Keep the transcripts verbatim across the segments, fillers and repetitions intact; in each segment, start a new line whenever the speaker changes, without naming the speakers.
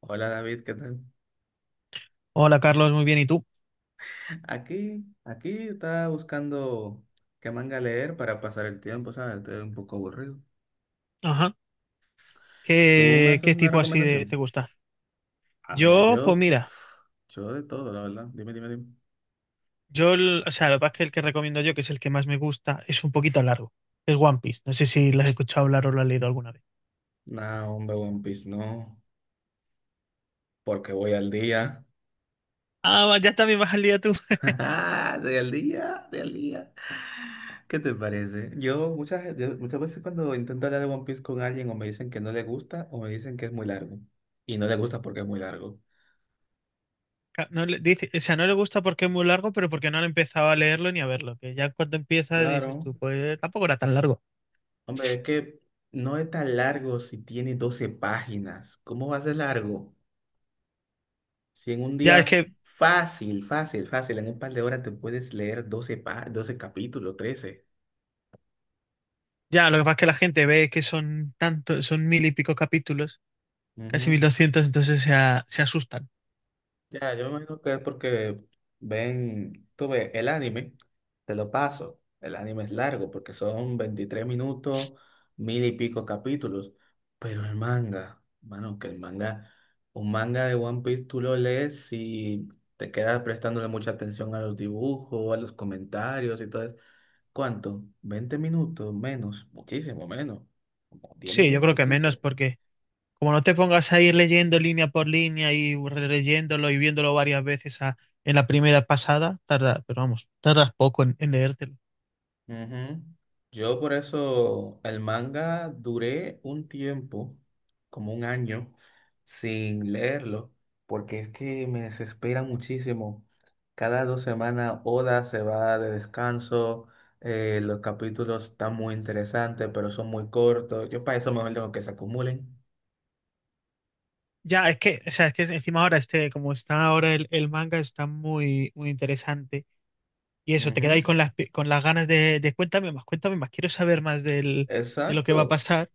Hola David, ¿qué tal?
Hola Carlos, muy bien. ¿Y tú?
Aquí, aquí estaba buscando qué manga leer para pasar el tiempo, ¿sabes? Estoy un poco aburrido.
Ajá.
¿Tú me
¿Qué,
haces
qué
una
tipo así de, te
recomendación?
gusta?
Ah, mira,
Yo, pues
yo, pf,
mira,
yo de todo, la verdad. Dime, dime, dime.
yo, el- o sea, lo que pasa es que el que recomiendo yo, que es el que más me gusta, es un poquito largo. Es One Piece. No sé si lo has escuchado hablar o lo has leído alguna vez.
No, hombre, One Piece, no, porque voy al día.
Ah, va, ya también vas al día tú.
Estoy al día, estoy al día. ¿Qué te parece? Yo muchas, yo muchas veces cuando intento hablar de One Piece con alguien o me dicen que no le gusta o me dicen que es muy largo. Y no le gusta porque es muy largo.
Ca- No le, dice, o sea, no le gusta porque es muy largo, pero porque no han empezado a leerlo ni a verlo. Que ya cuando empieza dices
Claro.
tú, pues tampoco era tan largo.
Hombre, es que no es tan largo si tiene doce páginas. ¿Cómo va a ser largo? Si en un
Ya es
día
que,
fácil, fácil, fácil, en un par de horas te puedes leer doce pa- doce capítulos, ¿trece?
ya, lo que pasa es que la gente ve que son tantos, son mil y pico capítulos, casi
Ujú.
mil doscientos, entonces se, a- se asustan.
Ya, yo me imagino que es porque ven, tú ves, el anime, te lo paso, el anime es largo porque son veintitrés minutos, mil y pico capítulos, pero el manga, mano, que el manga, un manga de One Piece tú lo lees y te quedas prestándole mucha atención a los dibujos, a los comentarios y todo eso. ¿Cuánto? ¿Veinte minutos? Menos, muchísimo menos, como diez
Sí, yo creo
minutos,
que menos
quince.
porque como no te pongas a ir leyendo línea por línea y releyéndolo y viéndolo varias veces a- en la primera pasada, tarda, pero vamos, tardas poco en, en leértelo.
Ujú. Yo por eso el manga duré un tiempo, como un año, sin leerlo, porque es que me desespera muchísimo. Cada dos semanas Oda se va de descanso, eh, los capítulos están muy interesantes, pero son muy cortos. Yo para eso mejor dejo que se acumulen.
Ya, es que, o sea, es que encima ahora este, como está ahora el, el manga, está muy, muy interesante. Y eso, te
Ujú.
quedáis con las, pi- con las ganas de, de cuéntame más, cuéntame más, quiero saber más del, de lo que va a
Exacto,
pasar.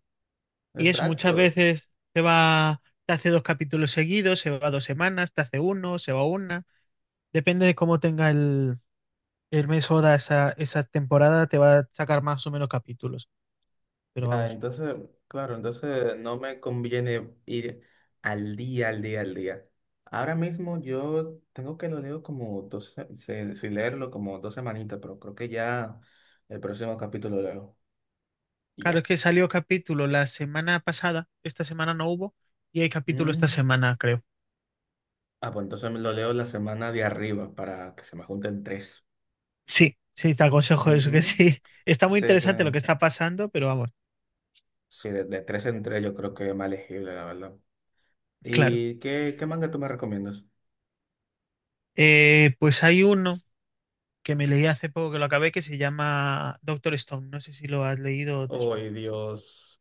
Y eso, muchas
exacto.
veces te va, te hace dos capítulos seguidos, se va dos semanas, te hace uno, se va una. Depende de cómo tenga el, el mes Oda, esa, esa temporada te va a sacar más o menos capítulos, pero
Ya,
vamos.
entonces, claro, entonces no me conviene ir al día, al día, al día. Ahora mismo yo tengo que lo leo como dos, se- se- si leerlo como dos semanitas, pero creo que ya el próximo capítulo lo leo. Y
Claro, es
ya.
que salió capítulo la semana pasada, esta semana no hubo, y hay capítulo esta
Mm.
semana, creo.
Ah, pues entonces me lo leo la semana de arriba para que se me junten tres.
Sí, sí, te aconsejo eso, que
Ujú.
sí. Está muy
Sí, sí.
interesante lo que está pasando, pero vamos,
Sí, de, de tres en tres yo creo que es más legible, la verdad.
claro.
¿Y qué, qué manga tú me recomiendas?
Eh, pues hay uno que me leí hace poco que lo acabé, que se llama Doctor Stone. No sé si lo has leído o te
Ay,
suena.
Dios.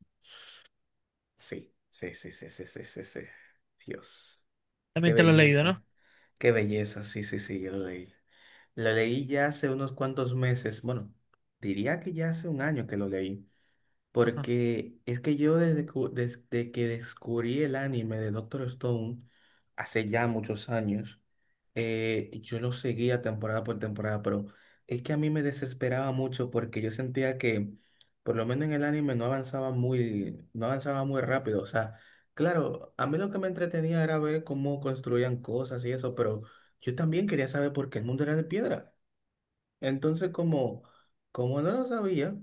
Sí, sí, sí, sí, sí, sí, sí, sí. Dios, qué
También te lo has leído, ¿no?
belleza, qué belleza, sí, sí, sí, yo lo leí. Lo leí ya hace unos cuantos meses, bueno, diría que ya hace un año que lo leí.
Ajá.
Porque es que yo desde, cu- desde que descubrí el anime de Doctor Stone, hace ya muchos años, eh, yo lo seguía temporada por temporada, pero es que a mí me desesperaba mucho porque yo sentía que, por lo menos en el anime, no avanzaba muy, no avanzaba muy rápido. O sea, claro, a mí lo que me entretenía era ver cómo construían cosas y eso, pero yo también quería saber por qué el mundo era de piedra. Entonces, como, como no lo sabía,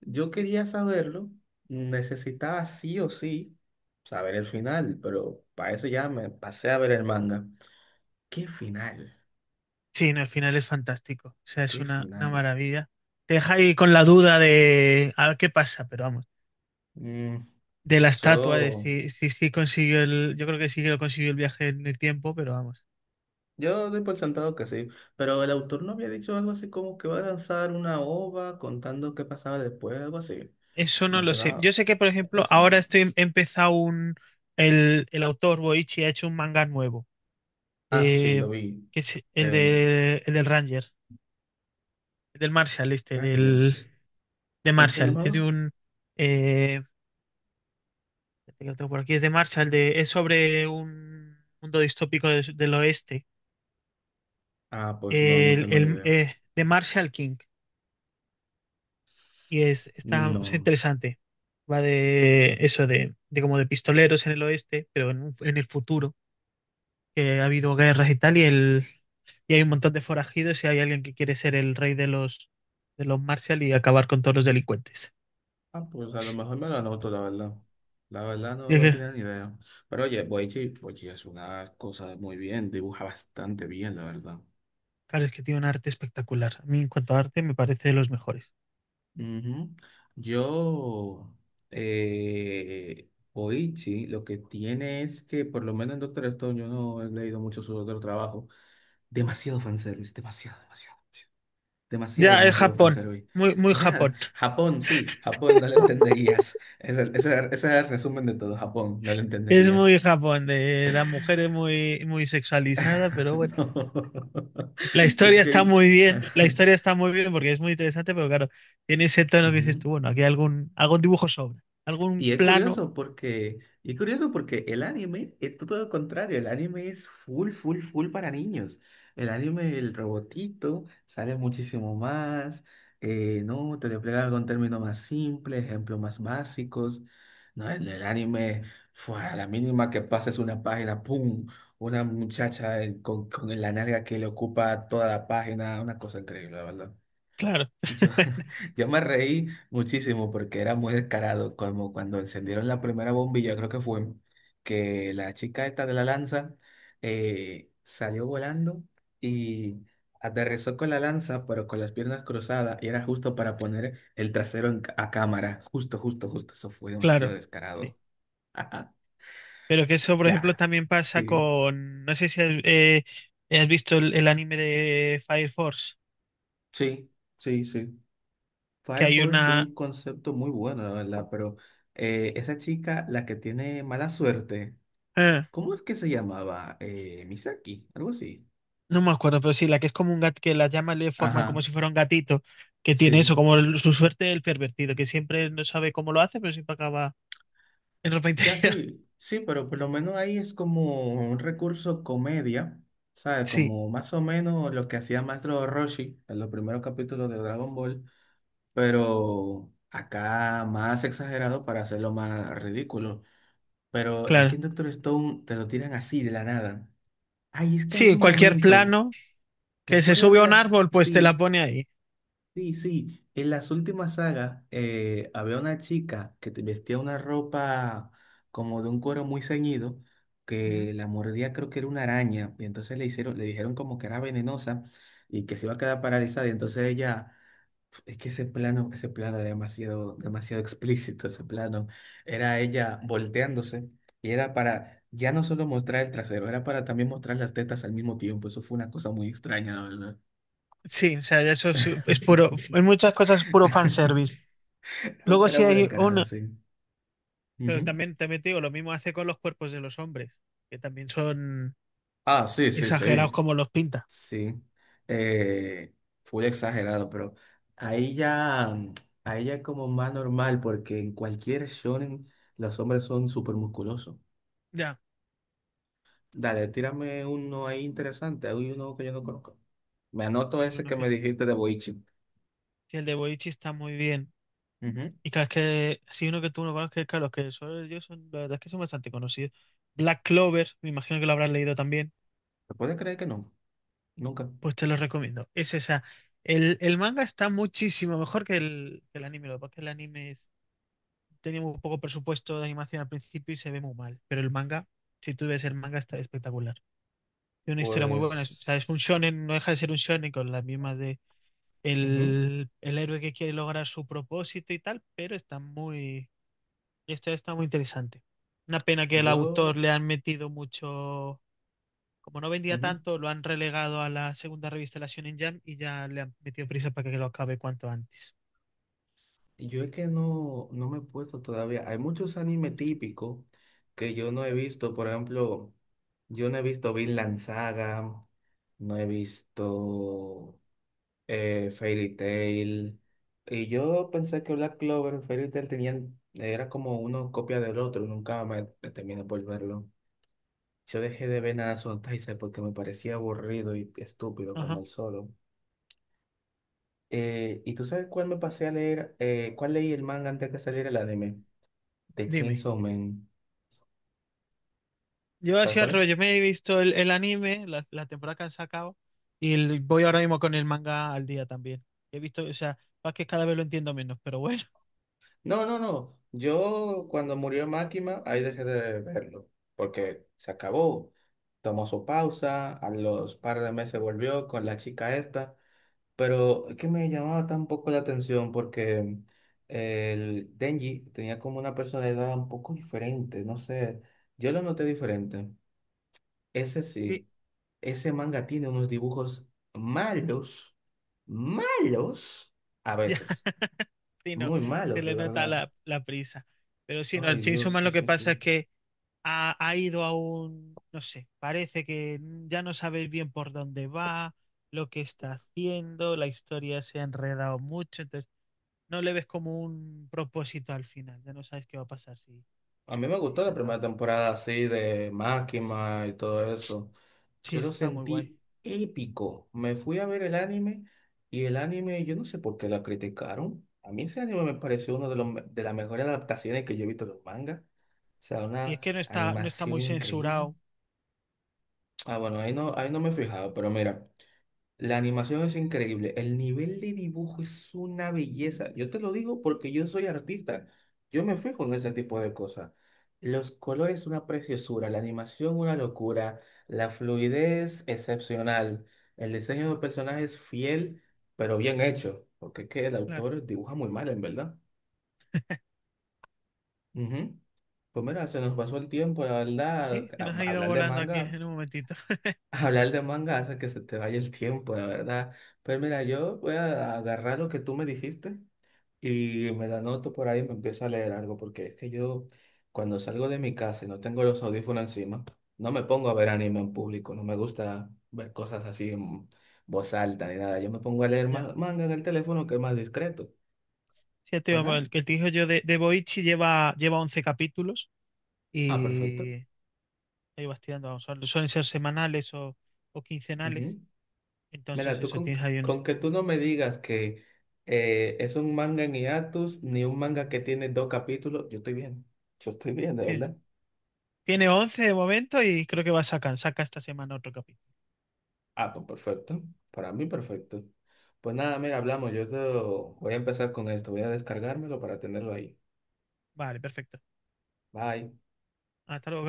yo quería saberlo, necesitaba sí o sí saber el final, pero para eso ya me pasé a ver el manga. ¿Qué final?
Sí, no, el final es fantástico. O sea, es
¿Qué
una, una
final?
maravilla. Te deja ahí con la duda de a ver qué pasa, pero vamos.
Mm,
De la estatua, de
yo,
si, si, si consiguió el. Yo creo que sí que lo consiguió el viaje en el tiempo, pero vamos.
yo doy por sentado que sí, pero el autor no había dicho algo así como que va a lanzar una O V A contando qué pasaba después, algo así.
Eso no
Me
lo sé.
sonaba
Yo sé que, por ejemplo, ahora
eso.
estoy he empezado un. El, el autor Boichi ha hecho un manga nuevo.
Ah, sí, lo
De,
vi.
que es el
Eh,
de el del Ranger, el del Marshall, este,
Rangers.
del, de
¿Cómo se
Marshall. Es de
llamaba?
un. eh, Este que lo tengo por aquí, es de Marshall, de, es sobre un mundo distópico des- del oeste,
Ah, pues no, no
el,
tengo ni
el-
idea.
eh, de Marshall King, y es, está, o sea,
No.
interesante. Va de eso, de, de como de pistoleros en el oeste, pero en, un- en el futuro, que ha habido guerras y tal, y, el, y hay un montón de forajidos y hay alguien que quiere ser el rey de los, de los Marshall y acabar con todos los delincuentes.
Ah, pues a lo mejor me lo anoto, la verdad. La verdad no,
Y es
no
que,
tenía ni idea. Pero oye, Boichi, Boichi es una cosa muy bien, dibuja bastante bien, la verdad.
claro, es que tiene un arte espectacular. A mí en cuanto a arte me parece de los mejores.
Ujú. Yo, eh, Boichi, lo que tiene es que, por lo menos en Doctor Stone, yo no he leído mucho su otro trabajo. Demasiado fanservice, demasiado, demasiado, demasiado, demasiado,
Ya, es
demasiado
Japón,
fanservice.
muy, muy
Ya,
Japón.
Japón, sí, Japón, no lo entenderías. Ese, ese, ese es el resumen de todo, Japón, no lo
Es muy
entenderías.
Japón, de la mujer es muy, muy sexualizada, pero bueno,
No,
la
es
historia está
que
muy bien, la historia está muy bien porque es muy interesante, pero claro, tiene ese tono que dices
Ujú.
tú, bueno, aquí algún, algún dibujo sobra, algún
Y es
plano,
curioso porque y es curioso porque el anime es todo lo contrario, el anime es full full full para niños. El anime el robotito sale muchísimo más, eh, no, te lo explica con términos más simples, ejemplos más básicos. No, en el anime fue a la mínima que pases una página, pum, una muchacha eh, con, con la nalga que le ocupa toda la página, una cosa increíble, la verdad.
claro.
Yo, yo me reí muchísimo porque era muy descarado, como cuando encendieron la primera bombilla, creo que fue, que la chica esta de la lanza eh, salió volando y aterrizó con la lanza, pero con las piernas cruzadas, y era justo para poner el trasero en ca- a cámara, justo, justo, justo, eso fue demasiado
Claro, sí.
descarado.
Pero que eso, por
Ya,
ejemplo, también pasa
sí,
con, no sé si has, eh, has visto el, el anime de Fire Force,
sí, sí, sí.
que
Fire
hay
Force tiene
una.
un concepto muy bueno, la verdad, pero eh, esa chica, la que tiene mala suerte,
Ah,
¿cómo es que se llamaba? Eh, Misaki, algo así.
no me acuerdo, pero sí, la que es como un gato, que las llamas le forman como
Ajá,
si fuera un gatito, que tiene
sí.
eso, como el- su suerte el pervertido, que siempre no sabe cómo lo hace, pero siempre acaba en ropa
Ya
interior.
sí, sí, pero por lo menos ahí es como un recurso comedia, ¿sabes?
Sí,
Como más o menos lo que hacía Maestro Roshi en los primeros capítulos de Dragon Ball, pero acá más exagerado para hacerlo más ridículo. Pero es que
claro.
en Doctor Stone te lo tiran así de la nada. Ay, es que
Sí,
había
en
un
cualquier
momento,
plano
¿te
que se
acuerdas
sube
de
a un
las...
árbol, pues te la
Sí,
pone ahí.
sí, sí. En las últimas sagas eh, había una chica que te- vestía una ropa como de un cuero muy ceñido,
Ujú.
que la mordía creo que era una araña, y entonces le hicieron, le dijeron como que era venenosa y que se iba a quedar paralizada, y entonces ella es que ese plano, ese plano era demasiado, demasiado explícito, ese plano. Era ella volteándose y era para ya no solo mostrar el trasero, era para también mostrar las tetas al mismo tiempo. Eso fue una cosa muy extraña, la verdad.
Sí, o sea, eso es, es puro, en muchas cosas es puro fanservice.
Era
Luego
era
sí
muy
hay
descarada,
una,
sí.
pero
Ujú.
también, también te digo, lo mismo hace con los cuerpos de los hombres, que también son
Ah, sí, sí, sí.
exagerados como los pinta.
Sí. Eh, fue exagerado, pero a ella, a ella como más normal, porque en cualquier shonen los hombres son súper musculosos.
Ya,
Dale, tírame uno ahí interesante. Hay uno que yo no conozco. Me anoto
pero
ese
no
que me
quiero-
dijiste de Boichi.
Sí, el de Boichi está muy bien.
Ujú.
Y claro, es que si uno que tú no conoces, claro, los que son ellos son, la verdad es que son bastante conocidos. Black Clover, me imagino que lo habrás leído también,
¿Me puedes creer que no? Nunca.
pues te lo recomiendo. Es esa. El, el manga está muchísimo mejor que el, que el anime, lo que pasa es que el anime es- tenía muy poco presupuesto de animación al principio y se ve muy mal, pero el manga, si tú ves el manga, está espectacular. Tiene una historia muy buena, es- o sea, es un
Pues,
shonen, no deja de ser un shonen con la misma de
ujú.
el, el héroe que quiere lograr su propósito y tal, pero está muy. Esta está muy interesante. Una pena que el autor
Yo,
le han metido mucho. Como no vendía
ujú.
tanto, lo han relegado a la segunda revista de la Shonen Jam y ya le han metido prisa para que lo acabe cuanto antes.
Yo es que no, no me he puesto todavía. Hay muchos animes típicos que yo no he visto. Por ejemplo, yo no he visto Vinland Saga, no he visto eh, Fairy Tail. Y yo pensé que Black Clover y Fairy Tail tenían, era como una copia del otro, nunca me terminé por verlo. Yo dejé de ver nada Son Taizai porque me parecía aburrido y estúpido como
Ajá.
el solo. Eh, ¿y tú sabes cuál me pasé a leer? Eh, ¿cuál leí el manga antes que saliera el anime? De
Dime.
Chainsaw Man.
Yo
¿Sabes
hacía al
cuál
revés.
es?
Yo me he visto el, el anime, la, la temporada que han sacado, y el- voy ahora mismo con el manga al día también. He visto, o sea, más que cada vez lo entiendo menos, pero bueno.
No, no, no. Yo cuando murió Máquina, ahí dejé de verlo, porque se acabó. Tomó su pausa, a los par de meses volvió con la chica esta, pero es que me llamaba tan poco la atención porque el Denji tenía como una personalidad un poco diferente, no sé, yo lo noté diferente. Ese
Sí,
sí, ese manga tiene unos dibujos malos, malos, a
ya.
veces,
Sí, no,
muy
se
malos,
le
de
nota
verdad.
la, la prisa. Pero sí, no, el
Ay,
Chainsaw
Dios,
Man
sí,
lo que
sí,
pasa es
sí.
que ha, ha ido a un, no sé, parece que ya no sabéis bien por dónde va, lo que está haciendo, la historia se ha enredado mucho, entonces no le ves como un propósito al final, ya no sabes qué va a pasar si,
A mí me
si
gustó
se
la primera
acaba.
temporada así de Máquina y todo eso.
Sí,
Yo lo
eso está muy guay.
sentí épico. Me fui a ver el anime y el anime, yo no sé por qué la criticaron. A mí ese anime me pareció una de, los me- de las mejores adaptaciones que yo he visto de los mangas. O sea,
Y es
una
que no está, no está
animación
muy
increíble.
censurado.
Ah, bueno, ahí no, ahí no me he fijado, pero mira. La animación es increíble. El nivel de dibujo es una belleza. Yo te lo digo porque yo soy artista. Yo me
Ujú,
fijo en ese tipo de cosas. Los colores, una preciosura. La animación, una locura. La fluidez, excepcional. El diseño de personajes, fiel, pero bien hecho. Porque es que el
claro,
autor dibuja muy mal, en verdad. Ujú. Pues mira, se nos pasó el tiempo, la verdad.
sí, se nos ha
a-
ido
Hablar de
volando aquí
manga.
en un momentito.
Hablar de manga hace que se te vaya el tiempo, la verdad. Pues mira, yo voy a agarrar lo que tú me dijiste y me lo anoto por ahí y me empiezo a leer algo, porque es que yo cuando salgo de mi casa y no tengo los audífonos encima, no me pongo a ver anime en público, no me gusta ver cosas así en voz alta ni nada. Yo me pongo a leer
Ya.
ma- manga en el teléfono que es más discreto.
Sí, te
Pues
iba-
nada.
el que te digo yo de, de Boichi lleva, lleva once capítulos
Ah, perfecto.
y ahí vas tirando, vamos, suelen ser semanales o o quincenales.
Ujú.
Entonces
Mira, tú
eso,
con,
tienes ahí uno.
con que tú no me digas que eh, es un manga en hiatus ni un manga que tiene dos capítulos, yo estoy bien. Yo estoy bien, de
Sí.
verdad.
Tiene once de momento y creo que va a sacar, saca esta semana otro capítulo.
Ah, pues perfecto. Para mí, perfecto. Pues nada, mira, hablamos. Yo te voy a empezar con esto. Voy a descargármelo para tenerlo ahí.
Vale, perfecto.
Bye.
Hasta luego.